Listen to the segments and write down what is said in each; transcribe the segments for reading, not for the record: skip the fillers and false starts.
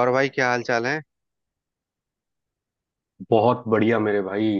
और भाई क्या हाल चाल है। बहुत बढ़िया मेरे भाई।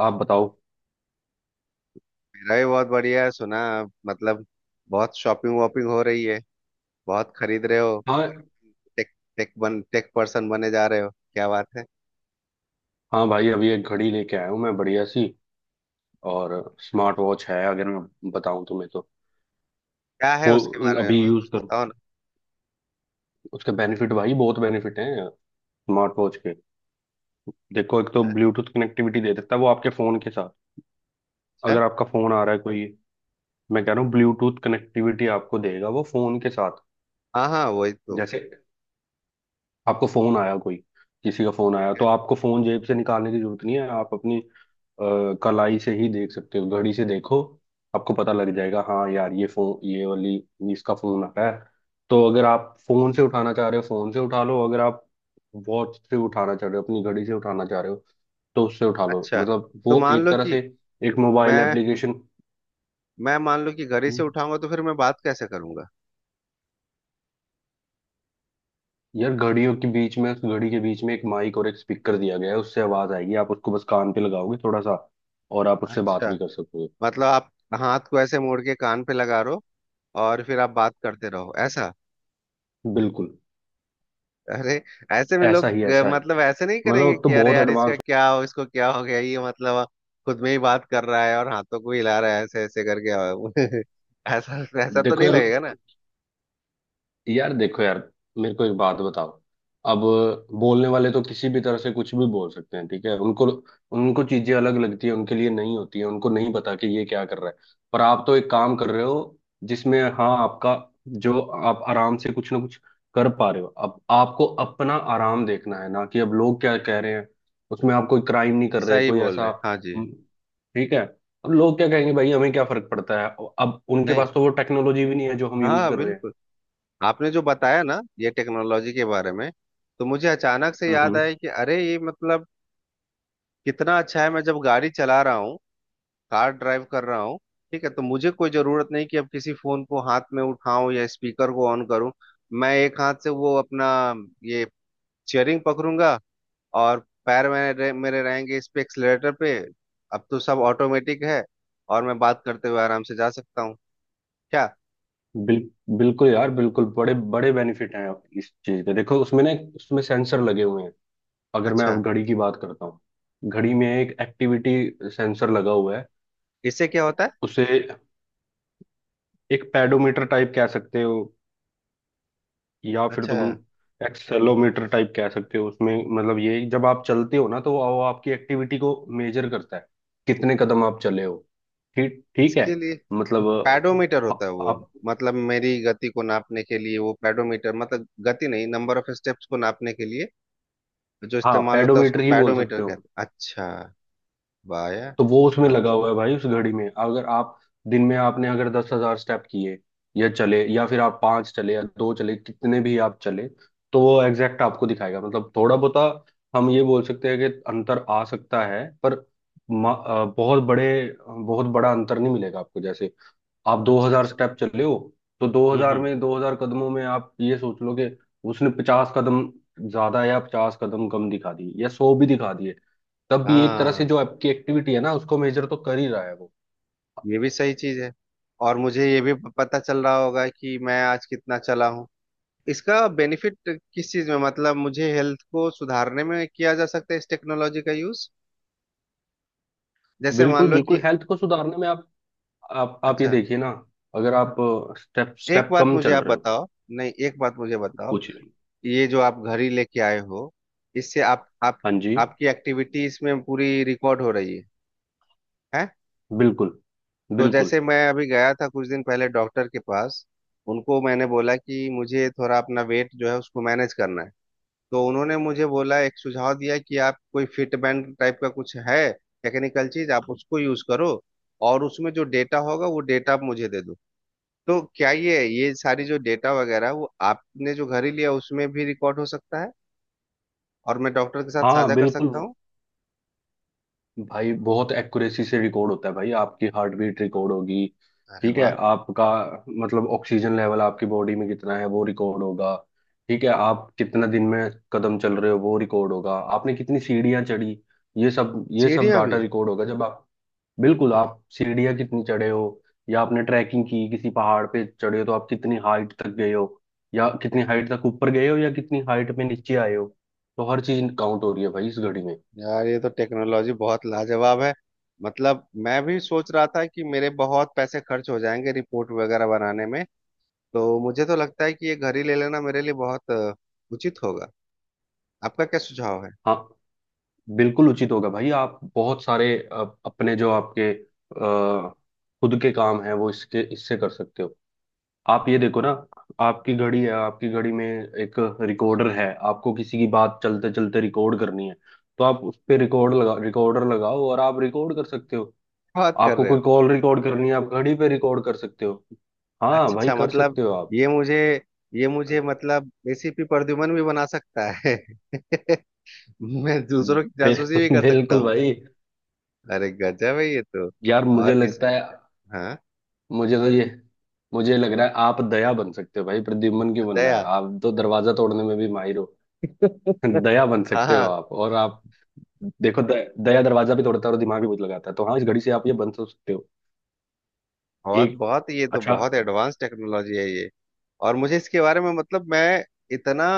आप बताओ। मेरा भी बहुत बढ़िया है। सुना आप मतलब बहुत शॉपिंग वॉपिंग हो रही है, बहुत खरीद रहे हो। हाँ, और टेक टेक बन टेक पर्सन बने जा रहे हो, क्या बात है। हाँ भाई, अभी एक घड़ी लेके आया हूँ मैं बढ़िया सी। और स्मार्ट वॉच है, अगर मैं बताऊँ तुम्हें तो। क्या है वो उसके बारे अभी में यूज कुछ करो, बताओ ना। उसके बेनिफिट भाई, बहुत बेनिफिट हैं स्मार्ट वॉच के। देखो, एक तो ब्लूटूथ कनेक्टिविटी दे देता है वो आपके फोन के साथ। अच्छा। अगर आपका फोन आ रहा है कोई। मैं हम्म, कह रहा हूँ ब्लूटूथ कनेक्टिविटी आपको देगा वो फोन के साथ। हाँ हाँ वही तो। जैसे आपको फोन आया कोई, किसी का फोन आया ठीक तो है। आपको फोन जेब से निकालने की जरूरत नहीं है, आप अपनी अ, कलाई से ही देख सकते हो, घड़ी से देखो, आपको पता लग जाएगा हाँ यार ये फोन ये वाली, इसका फोन आ रहा है। तो अगर आप फोन से उठाना चाह रहे हो फोन से उठा लो, अगर आप वॉच से उठाना चाह रहे हो अपनी घड़ी से उठाना चाह रहे हो तो उससे उठा लो। अच्छा, मतलब तो वो मान एक लो तरह से कि एक मोबाइल मैं एप्लीकेशन। मैं मान लो कि घर ही से उठाऊंगा तो फिर मैं बात कैसे करूंगा। यार घड़ियों के बीच में, घड़ी के बीच में एक माइक और एक स्पीकर दिया गया है, उससे आवाज आएगी, आप उसको बस कान पे लगाओगे थोड़ा सा, और आप उससे बात अच्छा, भी कर सकोगे। मतलब आप हाथ को ऐसे मोड़ के कान पे लगा रहो और फिर आप बात करते रहो ऐसा। बिल्कुल। अरे, ऐसे में ऐसा ही, लोग ऐसा ही। मतलब ऐसे नहीं मतलब करेंगे अब तो कि अरे बहुत यार इसका एडवांस। क्या हो, इसको क्या हो गया ये, मतलब खुद में ही बात कर रहा है और हाथों को हिला रहा है ऐसे ऐसे करके ऐसा ऐसा तो देखो नहीं यार, लगेगा ना। यार देखो यार, मेरे को एक बात बताओ। अब बोलने वाले तो किसी भी तरह से कुछ भी बोल सकते हैं, ठीक है। उनको, उनको चीजें अलग लगती है, उनके लिए नहीं होती है, उनको नहीं पता कि ये क्या कर रहा है। पर आप तो एक काम कर रहे हो जिसमें हाँ, आपका, जो आप आराम से कुछ ना कुछ कर पा रहे हो। अब आपको अपना आराम देखना है, ना कि अब लोग क्या कह रहे हैं। उसमें आप कोई क्राइम नहीं कर रहे सही कोई बोल रहे ऐसा। हैं। हाँ जी। ठीक है। अब लोग क्या कहेंगे भाई, हमें क्या फर्क पड़ता है। अब उनके नहीं, पास तो वो टेक्नोलॉजी भी नहीं है जो हम यूज हाँ कर रहे हैं। बिल्कुल। आपने जो बताया ना ये टेक्नोलॉजी के बारे में, तो मुझे अचानक से याद हम्म। आया कि अरे ये मतलब कितना अच्छा है। मैं जब गाड़ी चला रहा हूँ, कार ड्राइव कर रहा हूँ, ठीक है, तो मुझे कोई जरूरत नहीं कि अब किसी फोन को हाथ में उठाऊं या स्पीकर को ऑन करूं। मैं एक हाथ से वो अपना ये चेयरिंग पकड़ूंगा, और पैर मेरे मेरे रहेंगे इस पे एक्सलेटर पे। अब तो सब ऑटोमेटिक है, और मैं बात करते हुए आराम से जा सकता हूँ। क्या। बिल बिल्कुल यार, बिल्कुल बड़े बड़े बेनिफिट हैं इस चीज के। देखो उसमें ना उसमें सेंसर लगे हुए हैं। अगर मैं अच्छा। अब घड़ी की बात करता हूँ, घड़ी में एक एक्टिविटी सेंसर लगा हुआ है। इससे क्या होता है। उसे एक पेडोमीटर टाइप कह सकते हो, या फिर अच्छा। तुम एक्सेलोमीटर टाइप कह सकते हो उसमें। मतलब ये जब आप चलते हो ना, तो वो आपकी एक्टिविटी को मेजर करता है, कितने कदम आप चले हो। ठीक, ठीक है। इसके लिए मतलब पैडोमीटर अ, होता है वो। आप मतलब मेरी गति को नापने के लिए वो पैडोमीटर, मतलब गति नहीं, नंबर ऑफ स्टेप्स को नापने के लिए जो हाँ, इस्तेमाल होता है उसको पेडोमीटर ही बोल पैडोमीटर सकते हो। कहते हैं, अच्छा। वाह यार। तो वो उसमें लगा मतलब। हुआ है भाई, उस घड़ी में। अगर आप दिन में आपने अगर 10,000 स्टेप किए, या चले, या फिर आप 5 चले या 2 चले, कितने भी आप चले, तो वो एग्जैक्ट आपको दिखाएगा। मतलब थोड़ा बहुत हम ये बोल सकते हैं कि अंतर आ सकता है, पर बहुत बड़े, बहुत बड़ा अंतर नहीं मिलेगा आपको। जैसे आप दो अच्छा हजार अच्छा। स्टेप चले हो, तो दो हजार हम्म। में, 2,000 कदमों में आप ये सोच लो कि उसने 50 कदम ज्यादा या 50 कदम कम दिखा दिए, या 100 भी दिखा, तब भी एक तरह से हाँ, जो आपकी एक्टिविटी है ना, उसको मेजर तो कर ही रहा है वो। ये भी सही चीज है। और मुझे ये भी पता चल रहा होगा कि मैं आज कितना चला हूँ। इसका बेनिफिट किस चीज में, मतलब मुझे हेल्थ को सुधारने में किया जा सकता है इस टेक्नोलॉजी का यूज। जैसे मान बिल्कुल लो बिल्कुल, कि, हेल्थ को सुधारने में आप, आप ये अच्छा, देखिए ना, अगर आप स्टेप एक स्टेप बात कम मुझे चल आप रहे हो बताओ। नहीं, एक बात मुझे बताओ, कुछ। ये जो आप घड़ी लेके आए हो, इससे आप हाँ जी, आपकी एक्टिविटीज में पूरी रिकॉर्ड हो रही है है। बिल्कुल तो बिल्कुल। जैसे मैं अभी गया था कुछ दिन पहले डॉक्टर के पास, उनको मैंने बोला कि मुझे थोड़ा अपना वेट जो है उसको मैनेज करना है। तो उन्होंने मुझे बोला, एक सुझाव दिया कि आप कोई फिट बैंड टाइप का कुछ है टेक्निकल चीज आप उसको यूज करो, और उसमें जो डेटा होगा वो डेटा आप मुझे दे दो। तो क्या ये सारी जो डेटा वगैरह वो आपने जो घर ही लिया उसमें भी रिकॉर्ड हो सकता है, और मैं डॉक्टर के साथ हाँ साझा कर बिल्कुल सकता हूँ। भाई, बहुत एक्यूरेसी से रिकॉर्ड होता है भाई, आपकी हार्ट बीट रिकॉर्ड होगी, अरे ठीक है। वाह। आपका मतलब ऑक्सीजन लेवल आपकी बॉडी में कितना है वो रिकॉर्ड होगा, ठीक है। आप कितना दिन में कदम चल रहे हो वो रिकॉर्ड होगा, आपने कितनी सीढ़ियां चढ़ी, ये सब, ये सब सीढ़ियाँ भी। डाटा रिकॉर्ड होगा जब आप। बिल्कुल, आप सीढ़ियां कितनी चढ़े हो, या आपने ट्रैकिंग की किसी पहाड़ पे चढ़े हो तो आप कितनी हाइट तक गए हो, या कितनी हाइट तक ऊपर गए हो, या कितनी हाइट पे नीचे आए हो, तो हर चीज काउंट हो रही है भाई इस घड़ी में। यार ये तो टेक्नोलॉजी बहुत लाजवाब है। मतलब मैं भी सोच रहा था कि मेरे बहुत पैसे खर्च हो जाएंगे रिपोर्ट वगैरह बनाने में। तो मुझे तो लगता है कि ये घर ही ले लेना मेरे लिए बहुत उचित होगा। आपका क्या सुझाव है। हाँ बिल्कुल उचित होगा भाई। आप बहुत सारे अपने जो आपके खुद के काम हैं वो इसके, इससे कर सकते हो। आप ये देखो ना, आपकी घड़ी है, आपकी घड़ी में एक रिकॉर्डर है। आपको किसी की बात चलते चलते रिकॉर्ड करनी है, तो आप उस पे रिकॉर्ड लगा, रिकॉर्डर लगाओ और आप रिकॉर्ड कर सकते हो। बात कर आपको रहे हो। कोई कॉल रिकॉर्ड करनी है, आप घड़ी पे रिकॉर्ड कर सकते हो। हाँ अच्छा भाई अच्छा, कर मतलब सकते हो आप। ये मुझे, ये मुझे मतलब एसीपी प्रद्युमन भी बना सकता है। मैं दूसरों की जासूसी भी कर सकता बिल्कुल हूँ। भाई। अरे गजब है ये तो। यार मुझे और इस, लगता है, हाँ। मुझे तो ये, मुझे लग रहा है आप दया बन सकते हो भाई, प्रद्युम्न क्यों बनना है, दया। आप तो दरवाजा तोड़ने में भी माहिर हो। दया बन सकते हो हाँ। आप। और आप देखो, दया दरवाजा भी तोड़ता है और दिमाग भी बहुत लगाता है, तो हाँ इस घड़ी से आप ये बन तो सकते हो। बहुत एक, बहुत, ये तो अच्छा। बहुत एडवांस टेक्नोलॉजी है ये। और मुझे इसके बारे में, मतलब मैं इतना,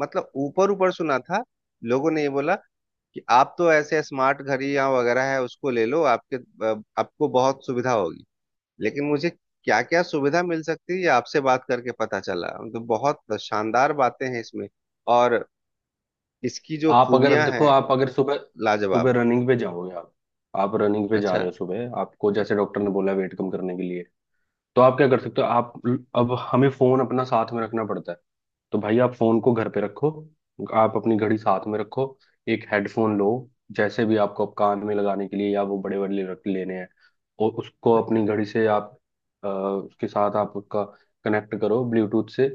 मतलब ऊपर ऊपर सुना था, लोगों ने ये बोला कि आप तो ऐसे स्मार्ट घड़ी या वगैरह है उसको ले लो आपके आपको बहुत सुविधा होगी। लेकिन मुझे क्या क्या सुविधा मिल सकती है ये आपसे बात करके पता चला, तो बहुत शानदार बातें हैं इसमें, और इसकी जो आप अगर खूबियां देखो, हैं, आप अगर सुबह सुबह लाजवाब है। रनिंग पे जाओगे, आप रनिंग पे जा अच्छा। रहे हो सुबह, आपको जैसे डॉक्टर ने बोला वेट कम करने के लिए, तो आप क्या कर सकते हो आप। अब हमें फोन अपना साथ में रखना पड़ता है, तो भाई आप फोन को घर पे रखो, आप अपनी घड़ी साथ में रखो, एक हेडफोन लो, जैसे भी आपको, आप कान में लगाने के लिए या वो बड़े बड़े रख लेने हैं, और उसको अच्छा। अपनी घड़ी से आप उसके साथ आप उसका कनेक्ट करो ब्लूटूथ से।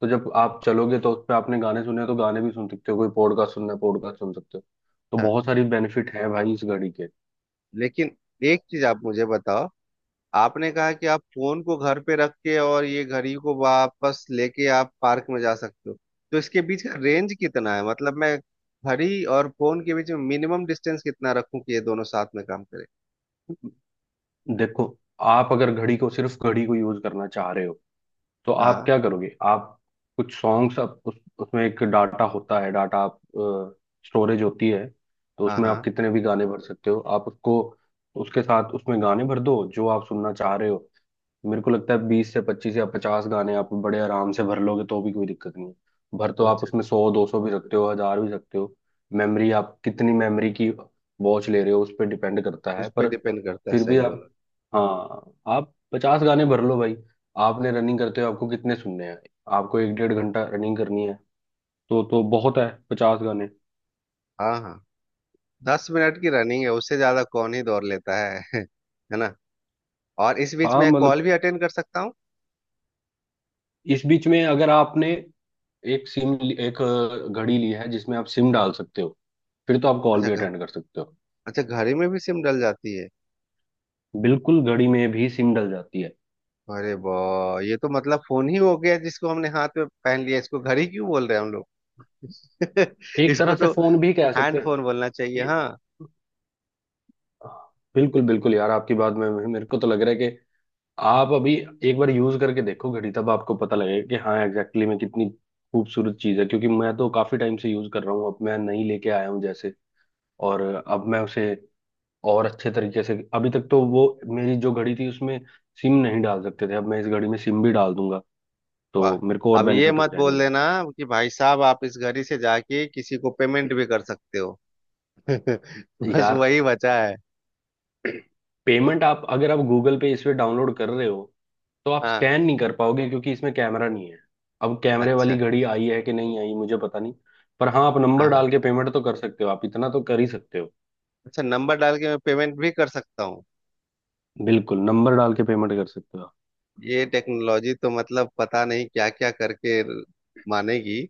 तो जब आप चलोगे तो उस पर आपने गाने सुने हैं, तो गाने भी सुन सकते हो, कोई पॉडकास्ट सुनना है पॉडकास्ट सुन सकते हो। तो अच्छा, बहुत सारी बेनिफिट है भाई इस घड़ी के। लेकिन एक चीज आप मुझे बताओ, आपने कहा कि आप फोन को घर पे रख के और ये घड़ी को वापस लेके आप पार्क में जा सकते हो, तो इसके बीच का रेंज कितना है, मतलब मैं घड़ी और फोन के बीच में मिनिमम डिस्टेंस कितना रखूं कि ये दोनों साथ में काम करें। देखो, आप अगर घड़ी को, सिर्फ घड़ी को यूज करना चाह रहे हो, तो आप हाँ। क्या करोगे आप, कुछ सॉन्ग्स आप उसमें एक डाटा होता है, डाटा आप स्टोरेज होती है, तो हाँ उसमें आप हाँ। कितने भी गाने भर सकते हो आप उसको। उसके साथ उसमें गाने भर दो जो आप सुनना चाह रहे हो। मेरे को लगता है 20 से 25 या पचास गाने आप बड़े आराम से भर लोगे, तो भी कोई दिक्कत नहीं है, भर तो अच्छा आप उसमें अच्छा। 100, 200 भी सकते हो, 1,000 भी सकते हो। मेमोरी आप कितनी मेमोरी की वॉच ले रहे हो उस पर डिपेंड करता है। उस पर पर डिपेंड करता है, फिर भी सही आप, बोला। हाँ, आप 50 गाने भर लो भाई। आपने रनिंग करते हो आपको कितने सुनने हैं, आपको एक डेढ़ घंटा रनिंग करनी है, तो बहुत है 50 गाने। हाँ हाँ। 10 मिनट की रनिंग है, उससे ज्यादा कौन ही दौड़ लेता है है ना। और इस बीच हाँ में कॉल मतलब, भी अटेंड कर सकता हूँ। इस बीच में अगर आपने एक सिम, एक घड़ी ली है जिसमें आप सिम डाल सकते हो, फिर तो आप कॉल अच्छा भी घर, अटेंड कर सकते हो। अच्छा घड़ी में भी सिम डल जाती है। बिल्कुल घड़ी में भी सिम डल जाती है। अरे वाह, ये तो मतलब फोन ही हो गया जिसको हमने हाथ में पहन लिया, इसको घड़ी क्यों बोल रहे हैं हम लोग। एक इसको तरह से तो फोन भी कह सकते हैंड हैं। फोन बोलना चाहिए, ए- हाँ। बिल्कुल बिल्कुल यार, आपकी बात में मेरे को तो लग रहा है कि आप अभी एक बार यूज करके देखो घड़ी, तब आपको पता लगेगा कि हाँ एग्जैक्टली में कितनी खूबसूरत चीज है, क्योंकि मैं तो काफी टाइम से यूज कर रहा हूँ, अब मैं नई लेके आया हूँ जैसे, और अब मैं उसे और अच्छे तरीके से। अभी तक तो वो मेरी जो घड़ी थी उसमें सिम नहीं डाल सकते थे, अब मैं इस घड़ी में सिम भी डाल दूंगा, वाह। तो मेरे को और अब ये बेनिफिट हो मत जाएंगे। बोल देना कि भाई साहब आप इस घड़ी से जाके किसी को पेमेंट भाई, भी कर सकते हो। बस यार वही बचा है। पेमेंट, आप अगर आप गूगल पे इस पे डाउनलोड कर रहे हो, तो आप हाँ। स्कैन नहीं कर पाओगे क्योंकि इसमें कैमरा नहीं है। अब कैमरे वाली अच्छा। घड़ी आई है कि नहीं आई मुझे पता नहीं। पर हाँ, आप हाँ नंबर हाँ। डाल के पेमेंट तो कर सकते हो, आप इतना तो कर ही सकते हो। अच्छा, नंबर डाल के मैं पेमेंट भी कर सकता हूँ। बिल्कुल, नंबर डाल के पेमेंट कर सकते हो आप। ये टेक्नोलॉजी तो मतलब पता नहीं क्या क्या करके मानेगी।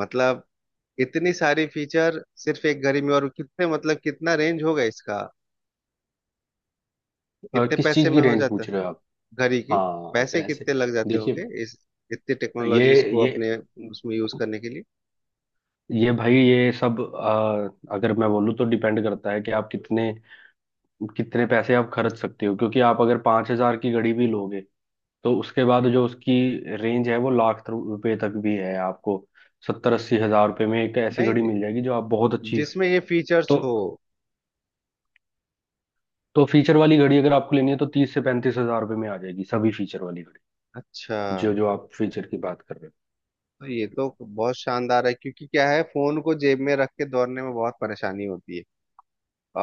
मतलब इतनी सारी फीचर सिर्फ एक घड़ी में, और कितने, मतलब कितना रेंज होगा इसका, कितने किस पैसे चीज़ की में हो रेंज जाता। पूछ रहे हो आप। घड़ी की। हाँ पैसे पैसे। कितने लग जाते देखिए, होंगे इस इतनी ये टेक्नोलॉजीज को अपने ये उसमें यूज करने के लिए। ये भाई, ये सब अगर मैं बोलूँ तो डिपेंड करता है कि आप कितने, कितने पैसे आप खर्च सकते हो। क्योंकि आप अगर 5,000 की घड़ी भी लोगे, तो उसके बाद जो उसकी रेंज है वो लाख रुपए तक भी है। आपको 70 80,000 रुपए में एक ऐसी नहीं घड़ी मिल नहीं, जाएगी जो आप बहुत अच्छी। जिसमें ये तो फीचर्स हो। तो फीचर वाली घड़ी अगर आपको लेनी है तो 30 से 35,000 रुपए में आ जाएगी सभी फीचर वाली घड़ी, अच्छा। जो जो आप फीचर की बात कर रहे तो ये तो बहुत शानदार है, क्योंकि क्या है, फोन को जेब में रख के दौड़ने में बहुत परेशानी होती है,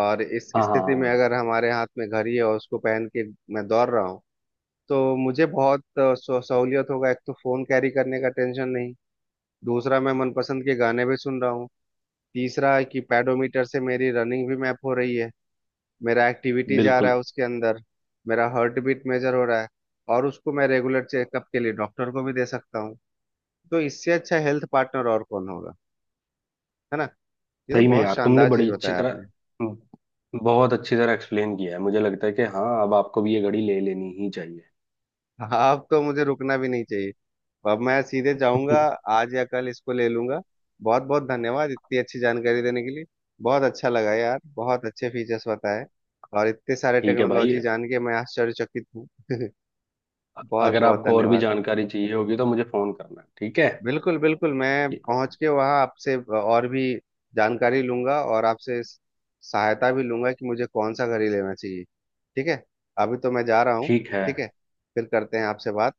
और इस हो। हाँ हाँ हाँ स्थिति में हाँ, अगर हमारे हाथ में घड़ी है और उसको पहन के मैं दौड़ रहा हूँ, तो मुझे बहुत सहूलियत होगा। एक तो फोन कैरी करने का टेंशन नहीं, दूसरा मैं मनपसंद के गाने भी सुन रहा हूँ, तीसरा है कि पैडोमीटर से मेरी रनिंग भी मैप हो रही है, मेरा एक्टिविटी जा रहा बिल्कुल। है उसके अंदर, मेरा हार्ट बीट मेजर हो रहा है, और उसको मैं रेगुलर चेकअप के लिए डॉक्टर को भी दे सकता हूँ। तो इससे अच्छा हेल्थ पार्टनर और कौन होगा, है ना। ये तो सही में बहुत यार, तुमने शानदार चीज बड़ी अच्छी बताया तरह, आपने। बहुत अच्छी तरह एक्सप्लेन किया है, मुझे लगता है कि हाँ अब आपको भी ये घड़ी ले लेनी ही चाहिए। आप तो मुझे रुकना भी नहीं चाहिए, अब मैं सीधे जाऊंगा, आज या कल इसको ले लूंगा। बहुत बहुत धन्यवाद इतनी अच्छी जानकारी देने के लिए। बहुत अच्छा लगा यार, बहुत अच्छे फीचर्स बताए, और इतने सारे ठीक है भाई। टेक्नोलॉजी जान के मैं आश्चर्यचकित हूँ। बहुत अगर बहुत आपको और भी धन्यवाद। जानकारी चाहिए होगी तो मुझे फोन करना, ठीक है। बिल्कुल बिल्कुल, मैं पहुंच के वहां आपसे और भी जानकारी लूंगा और आपसे सहायता भी लूंगा कि मुझे कौन सा घड़ी लेना चाहिए। ठीक है, अभी तो मैं जा रहा हूँ। ठीक है। ठीक है, फिर करते हैं आपसे बात।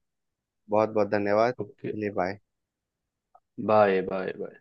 बहुत बहुत धन्यवाद, ओके, चलिए बाय। Bye bye bye.